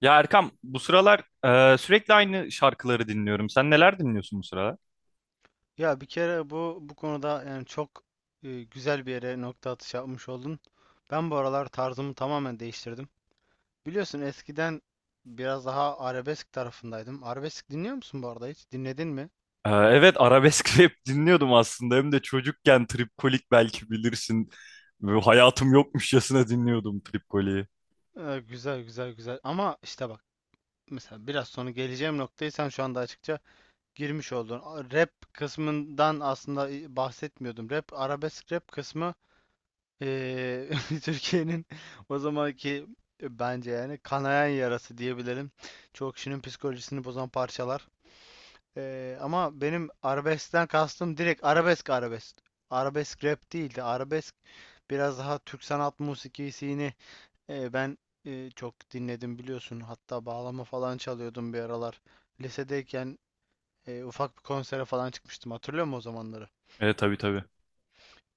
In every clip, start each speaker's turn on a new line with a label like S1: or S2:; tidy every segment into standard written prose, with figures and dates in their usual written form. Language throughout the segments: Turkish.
S1: Ya Erkam, bu sıralar sürekli aynı şarkıları dinliyorum. Sen neler dinliyorsun bu sıralar?
S2: Ya bir kere bu konuda yani çok güzel bir yere nokta atışı yapmış oldun. Ben bu aralar tarzımı tamamen değiştirdim. Biliyorsun eskiden biraz daha arabesk tarafındaydım. Arabesk dinliyor musun bu arada hiç? Dinledin mi?
S1: Evet, arabesk rap dinliyordum aslında. Hem de çocukken Tripkolik belki bilirsin. Böyle hayatım yokmuşçasına dinliyordum Tripkolik'i.
S2: Güzel güzel güzel. Ama işte bak, mesela biraz sonra geleceğim noktayı sen şu anda açıkça girmiş oldun. Rap kısmından aslında bahsetmiyordum. Rap, arabesk rap kısmı. Eee, Türkiye'nin o zamanki bence yani kanayan yarası diyebilirim. Çoğu kişinin psikolojisini bozan parçalar. Ama benim arabeskten kastım direkt arabesk arabesk. Arabesk rap değildi. Arabesk biraz daha Türk sanat musikisini ben çok dinledim biliyorsun. Hatta bağlama falan çalıyordum bir aralar. Lisedeyken ufak bir konsere falan çıkmıştım. Hatırlıyor musun o zamanları?
S1: Evet, tabii tabii.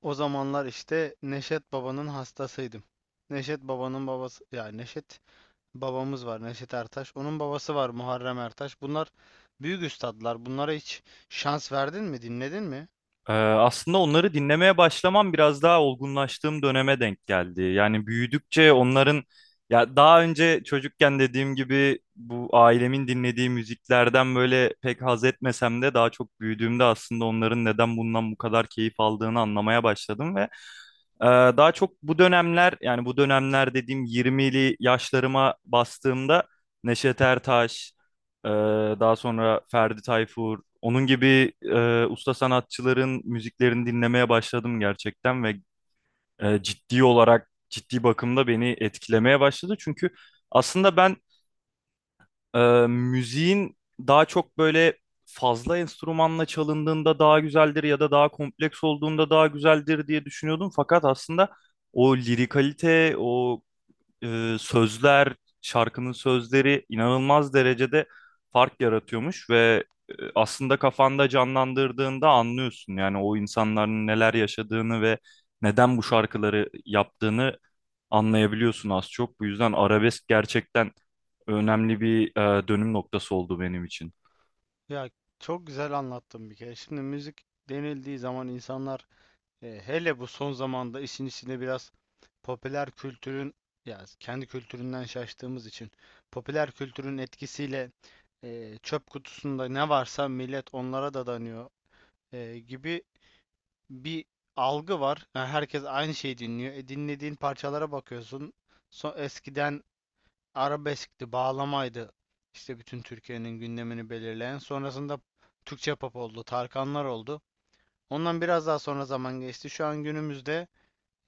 S2: O zamanlar işte Neşet Baba'nın hastasıydım. Neşet Baba'nın babası, ya Neşet babamız var, Neşet Ertaş. Onun babası var, Muharrem Ertaş. Bunlar büyük üstadlar. Bunlara hiç şans verdin mi? Dinledin mi?
S1: Aslında onları dinlemeye başlamam biraz daha olgunlaştığım döneme denk geldi. Yani büyüdükçe onların, ya daha önce çocukken dediğim gibi bu ailemin dinlediği müziklerden böyle pek haz etmesem de daha çok büyüdüğümde aslında onların neden bundan bu kadar keyif aldığını anlamaya başladım ve ee, daha çok bu dönemler, yani bu dönemler dediğim 20'li yaşlarıma bastığımda Neşet Ertaş, e, daha sonra Ferdi Tayfur, onun gibi usta sanatçıların müziklerini dinlemeye başladım gerçekten ve ciddi olarak ciddi bakımda beni etkilemeye başladı. Çünkü aslında ben, ee, müziğin daha çok böyle fazla enstrümanla çalındığında daha güzeldir ya da daha kompleks olduğunda daha güzeldir diye düşünüyordum. Fakat aslında o lirikalite, o sözler, şarkının sözleri inanılmaz derecede fark yaratıyormuş ve aslında kafanda canlandırdığında anlıyorsun. Yani o insanların neler yaşadığını ve neden bu şarkıları yaptığını anlayabiliyorsun az çok. Bu yüzden arabesk gerçekten önemli bir dönüm noktası oldu benim için.
S2: Ya çok güzel anlattım bir kere. Şimdi müzik denildiği zaman insanlar, hele bu son zamanda, işin içinde biraz popüler kültürün, ya kendi kültüründen şaştığımız için popüler kültürün etkisiyle, çöp kutusunda ne varsa millet onlara dadanıyor. Gibi bir algı var. Yani herkes aynı şeyi dinliyor. Dinlediğin parçalara bakıyorsun. Eskiden arabeskti, bağlamaydı. İşte bütün Türkiye'nin gündemini belirleyen. Sonrasında Türkçe pop oldu, Tarkanlar oldu. Ondan biraz daha sonra zaman geçti. Şu an günümüzde,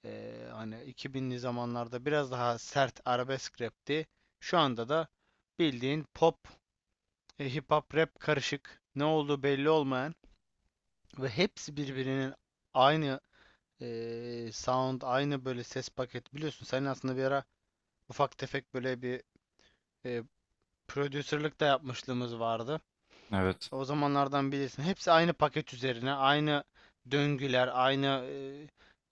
S2: e, hani 2000'li zamanlarda biraz daha sert arabesk rapti. Şu anda da bildiğin pop, hip hop, rap karışık. Ne olduğu belli olmayan ve hepsi birbirinin aynı. Sound aynı, böyle ses paket. Biliyorsun senin aslında bir ara ufak tefek böyle bir e, prodüserlik de yapmışlığımız vardı.
S1: Evet,
S2: O zamanlardan bilirsin. Hepsi aynı paket üzerine, aynı döngüler, aynı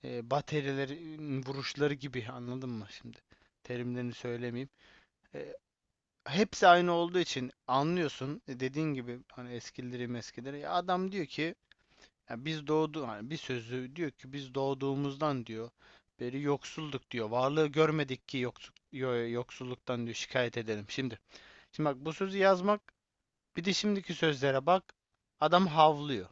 S2: baterilerin vuruşları gibi, anladın mı şimdi? Terimlerini söylemeyeyim. E, Hepsi aynı olduğu için anlıyorsun. Dediğin gibi, hani eskileri meskileri. Ya adam diyor ki, ya biz doğdu, hani bir sözü diyor ki, biz doğduğumuzdan diyor beri yoksulduk diyor. Varlığı görmedik ki yoksulluk, yoksulluktan diyor şikayet edelim. Şimdi bak, bu sözü yazmak, bir de şimdiki sözlere bak. Adam havlıyor.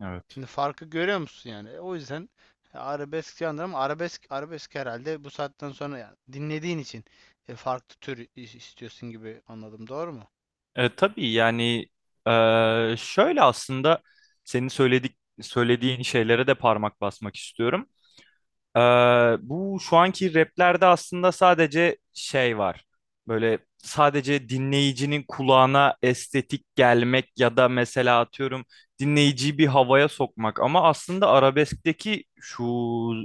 S1: evet.
S2: Şimdi farkı görüyor musun yani? O yüzden arabesk yandır, ama arabesk arabesk herhalde bu saatten sonra, yani dinlediğin için farklı tür istiyorsun gibi anladım. Doğru mu?
S1: Tabii yani, şöyle aslında senin söylediğin şeylere de parmak basmak istiyorum. Ee, Bu şu anki raplerde aslında sadece şey var. Böyle sadece dinleyicinin kulağına estetik gelmek ya da mesela atıyorum dinleyiciyi bir havaya sokmak. Ama aslında arabeskteki şu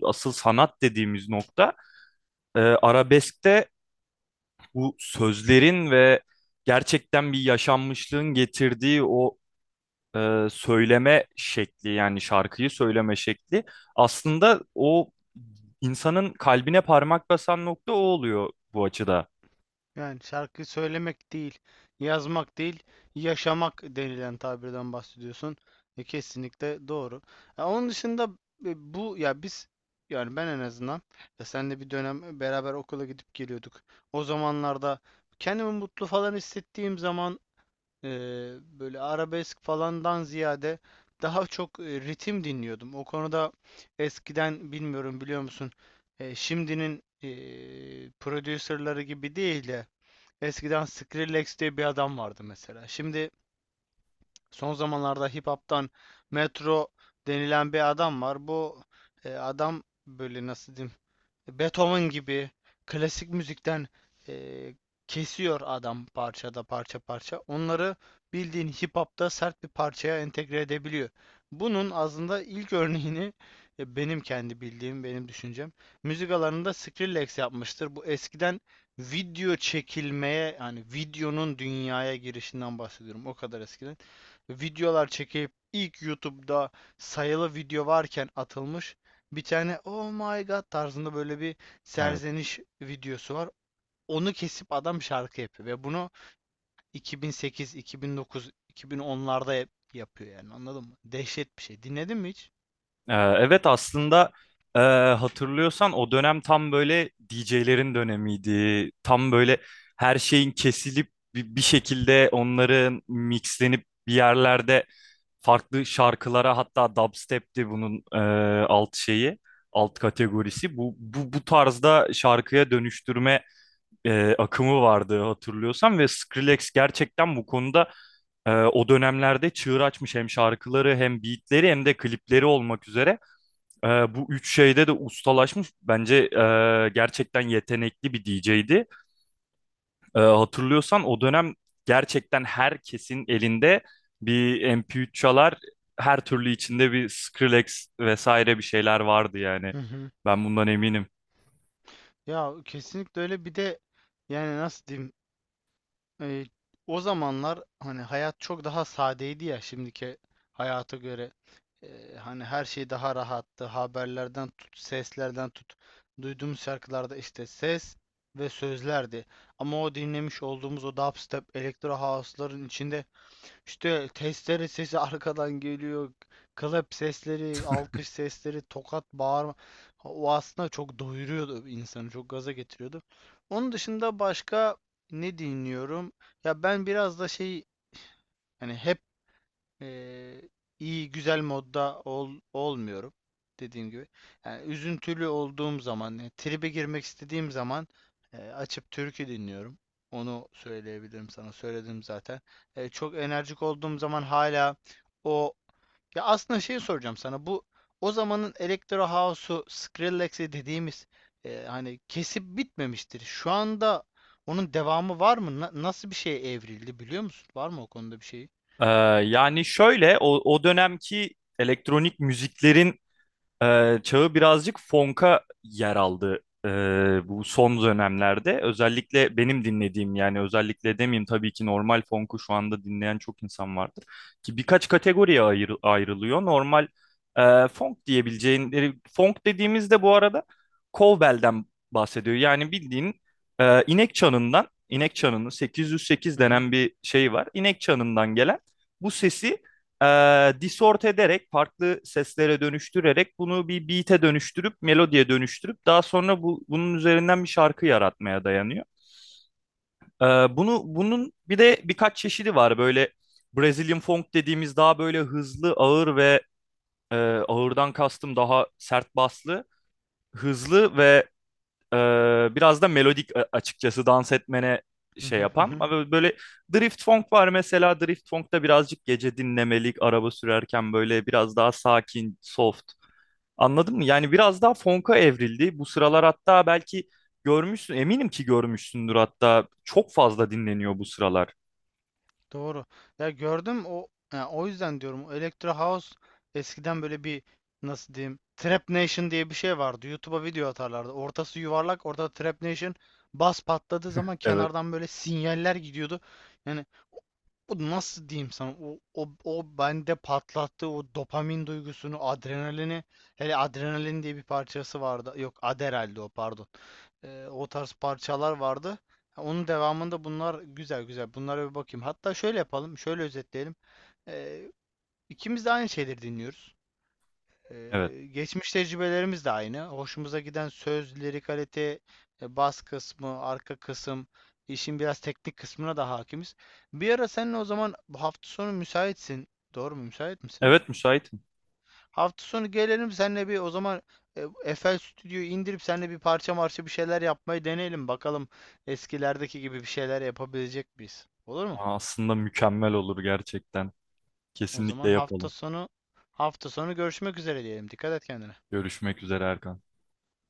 S1: asıl sanat dediğimiz nokta, arabeskte bu sözlerin ve gerçekten bir yaşanmışlığın getirdiği o söyleme şekli, yani şarkıyı söyleme şekli aslında o insanın kalbine parmak basan nokta o oluyor bu açıda.
S2: Yani şarkı söylemek değil, yazmak değil, yaşamak denilen tabirden bahsediyorsun. Kesinlikle doğru. Onun dışında, bu ya biz, yani ben en azından, ya senle bir dönem beraber okula gidip geliyorduk. O zamanlarda kendimi mutlu falan hissettiğim zaman, e, böyle arabesk falandan ziyade daha çok ritim dinliyordum. O konuda eskiden, bilmiyorum biliyor musun, şimdinin prodüserleri gibi değil de, eskiden Skrillex diye bir adam vardı mesela. Şimdi son zamanlarda hip hop'tan Metro denilen bir adam var. Bu adam, böyle nasıl diyeyim, Beethoven gibi klasik müzikten eee, kesiyor adam parçada, parça parça. Onları bildiğin hip hop'ta sert bir parçaya entegre edebiliyor. Bunun aslında ilk örneğini, benim kendi bildiğim, benim düşüncem, müzik alanında Skrillex yapmıştır. Bu eskiden video çekilmeye, yani videonun dünyaya girişinden bahsediyorum. O kadar eskiden. Videolar çekip ilk YouTube'da sayılı video varken atılmış bir tane oh my god tarzında böyle bir
S1: Evet.
S2: serzeniş videosu var. Onu kesip adam şarkı yapıyor ve bunu 2008, 2009, 2010'larda yapıyor, yani anladın mı? Dehşet bir şey. Dinledin mi hiç?
S1: Evet aslında, e, hatırlıyorsan o dönem tam böyle DJ'lerin dönemiydi. Tam böyle her şeyin kesilip bir şekilde onların mixlenip bir yerlerde farklı şarkılara, hatta dubstep'ti bunun alt şeyi, alt kategorisi. Bu tarzda şarkıya dönüştürme akımı vardı hatırlıyorsan ve Skrillex gerçekten bu konuda, o dönemlerde çığır açmış, hem şarkıları hem beatleri hem de klipleri olmak üzere. Bu üç şeyde de ustalaşmış. Bence gerçekten yetenekli bir DJ'di. Hatırlıyorsan o dönem gerçekten herkesin elinde bir MP3 çalar, her türlü içinde bir Skrillex vesaire bir şeyler vardı yani.
S2: Hı hı.
S1: Ben bundan eminim.
S2: Ya kesinlikle öyle. Bir de yani nasıl diyeyim, E, o zamanlar hani hayat çok daha sadeydi ya, şimdiki hayata göre. Hani her şey daha rahattı. Haberlerden tut, seslerden tut. Duyduğumuz şarkılarda işte ses ve sözlerdi. Ama o dinlemiş olduğumuz o dubstep, elektro house'ların içinde işte testere sesi arkadan geliyor. Klap sesleri, alkış sesleri, tokat, bağırma. O aslında çok doyuruyordu insanı, çok gaza getiriyordu. Onun dışında başka ne dinliyorum? Ya ben biraz da şey, hani hep Eee, iyi güzel modda ol, olmuyorum dediğim gibi. Yani üzüntülü olduğum zaman, yani tribe girmek istediğim zaman, açıp türkü dinliyorum. Onu söyleyebilirim sana. Söyledim zaten. Çok enerjik olduğum zaman hala o, ya aslında şey soracağım sana. Bu o zamanın Electro House'u, Skrillex'i dediğimiz, hani kesip bitmemiştir. Şu anda onun devamı var mı? Nasıl bir şeye evrildi biliyor musun? Var mı o konuda bir şey?
S1: Ee, Yani şöyle, o dönemki elektronik müziklerin çağı birazcık fonka yer aldı ee, bu son dönemlerde. Özellikle benim dinlediğim, yani özellikle demeyeyim, tabii ki normal fonku şu anda dinleyen çok insan vardır. Ki birkaç kategoriye ayrılıyor. Normal fonk diyebileceğin, fonk dediğimizde bu arada kovbelden bahsediyor. Yani bildiğin inek çanından, inek çanını 808 denen bir şey var. İnek çanından gelen bu sesi disort ederek, farklı seslere dönüştürerek bunu bir beat'e dönüştürüp, melodiye dönüştürüp daha sonra bu, bunun üzerinden bir şarkı yaratmaya dayanıyor. E, Bunu, bunun bir de birkaç çeşidi var. Böyle Brazilian funk dediğimiz, daha böyle hızlı, ağır ve e, ağırdan kastım daha sert baslı, hızlı ve biraz da melodik, açıkçası dans etmene
S2: Hı
S1: şey
S2: hı hı
S1: yapan.
S2: hı.
S1: Ama böyle drift funk var mesela. Drift funk'ta birazcık gece dinlemelik, araba sürerken böyle biraz daha sakin, soft. Anladın mı? Yani biraz daha funk'a evrildi. Bu sıralar hatta belki görmüşsün, eminim ki görmüşsündür hatta. Çok fazla dinleniyor bu sıralar.
S2: Doğru. Ya gördüm o. Ya o yüzden diyorum, o Electro House eskiden böyle bir, nasıl diyeyim, Trap Nation diye bir şey vardı. YouTube'a video atarlardı. Ortası yuvarlak, orada Trap Nation bas patladığı zaman
S1: Evet,
S2: kenardan böyle sinyaller gidiyordu. Yani o, nasıl diyeyim sana, o bende patlattı o dopamin duygusunu, adrenalini. Hele adrenalin diye bir parçası vardı. Yok, Adderall'di o, pardon. O tarz parçalar vardı. Onun devamında bunlar güzel güzel. Bunlara bir bakayım. Hatta şöyle yapalım, şöyle özetleyelim. Ee, ikimiz de aynı şeyleri dinliyoruz.
S1: evet.
S2: Geçmiş tecrübelerimiz de aynı. Hoşumuza giden söz, lirikalite, bas kısmı, arka kısım, işin biraz teknik kısmına da hakimiz. Bir ara seninle, o zaman bu hafta sonu müsaitsin. Doğru mu? Müsait misin?
S1: Evet, müsaitim.
S2: Hafta sonu gelelim seninle bir o zaman, FL Studio'yu indirip seninle bir parça marşı bir şeyler yapmayı deneyelim. Bakalım eskilerdeki gibi bir şeyler yapabilecek miyiz? Olur mu?
S1: Aa, aslında mükemmel olur gerçekten.
S2: O
S1: Kesinlikle
S2: zaman hafta
S1: yapalım.
S2: sonu, görüşmek üzere diyelim. Dikkat et kendine.
S1: Görüşmek üzere, Erkan.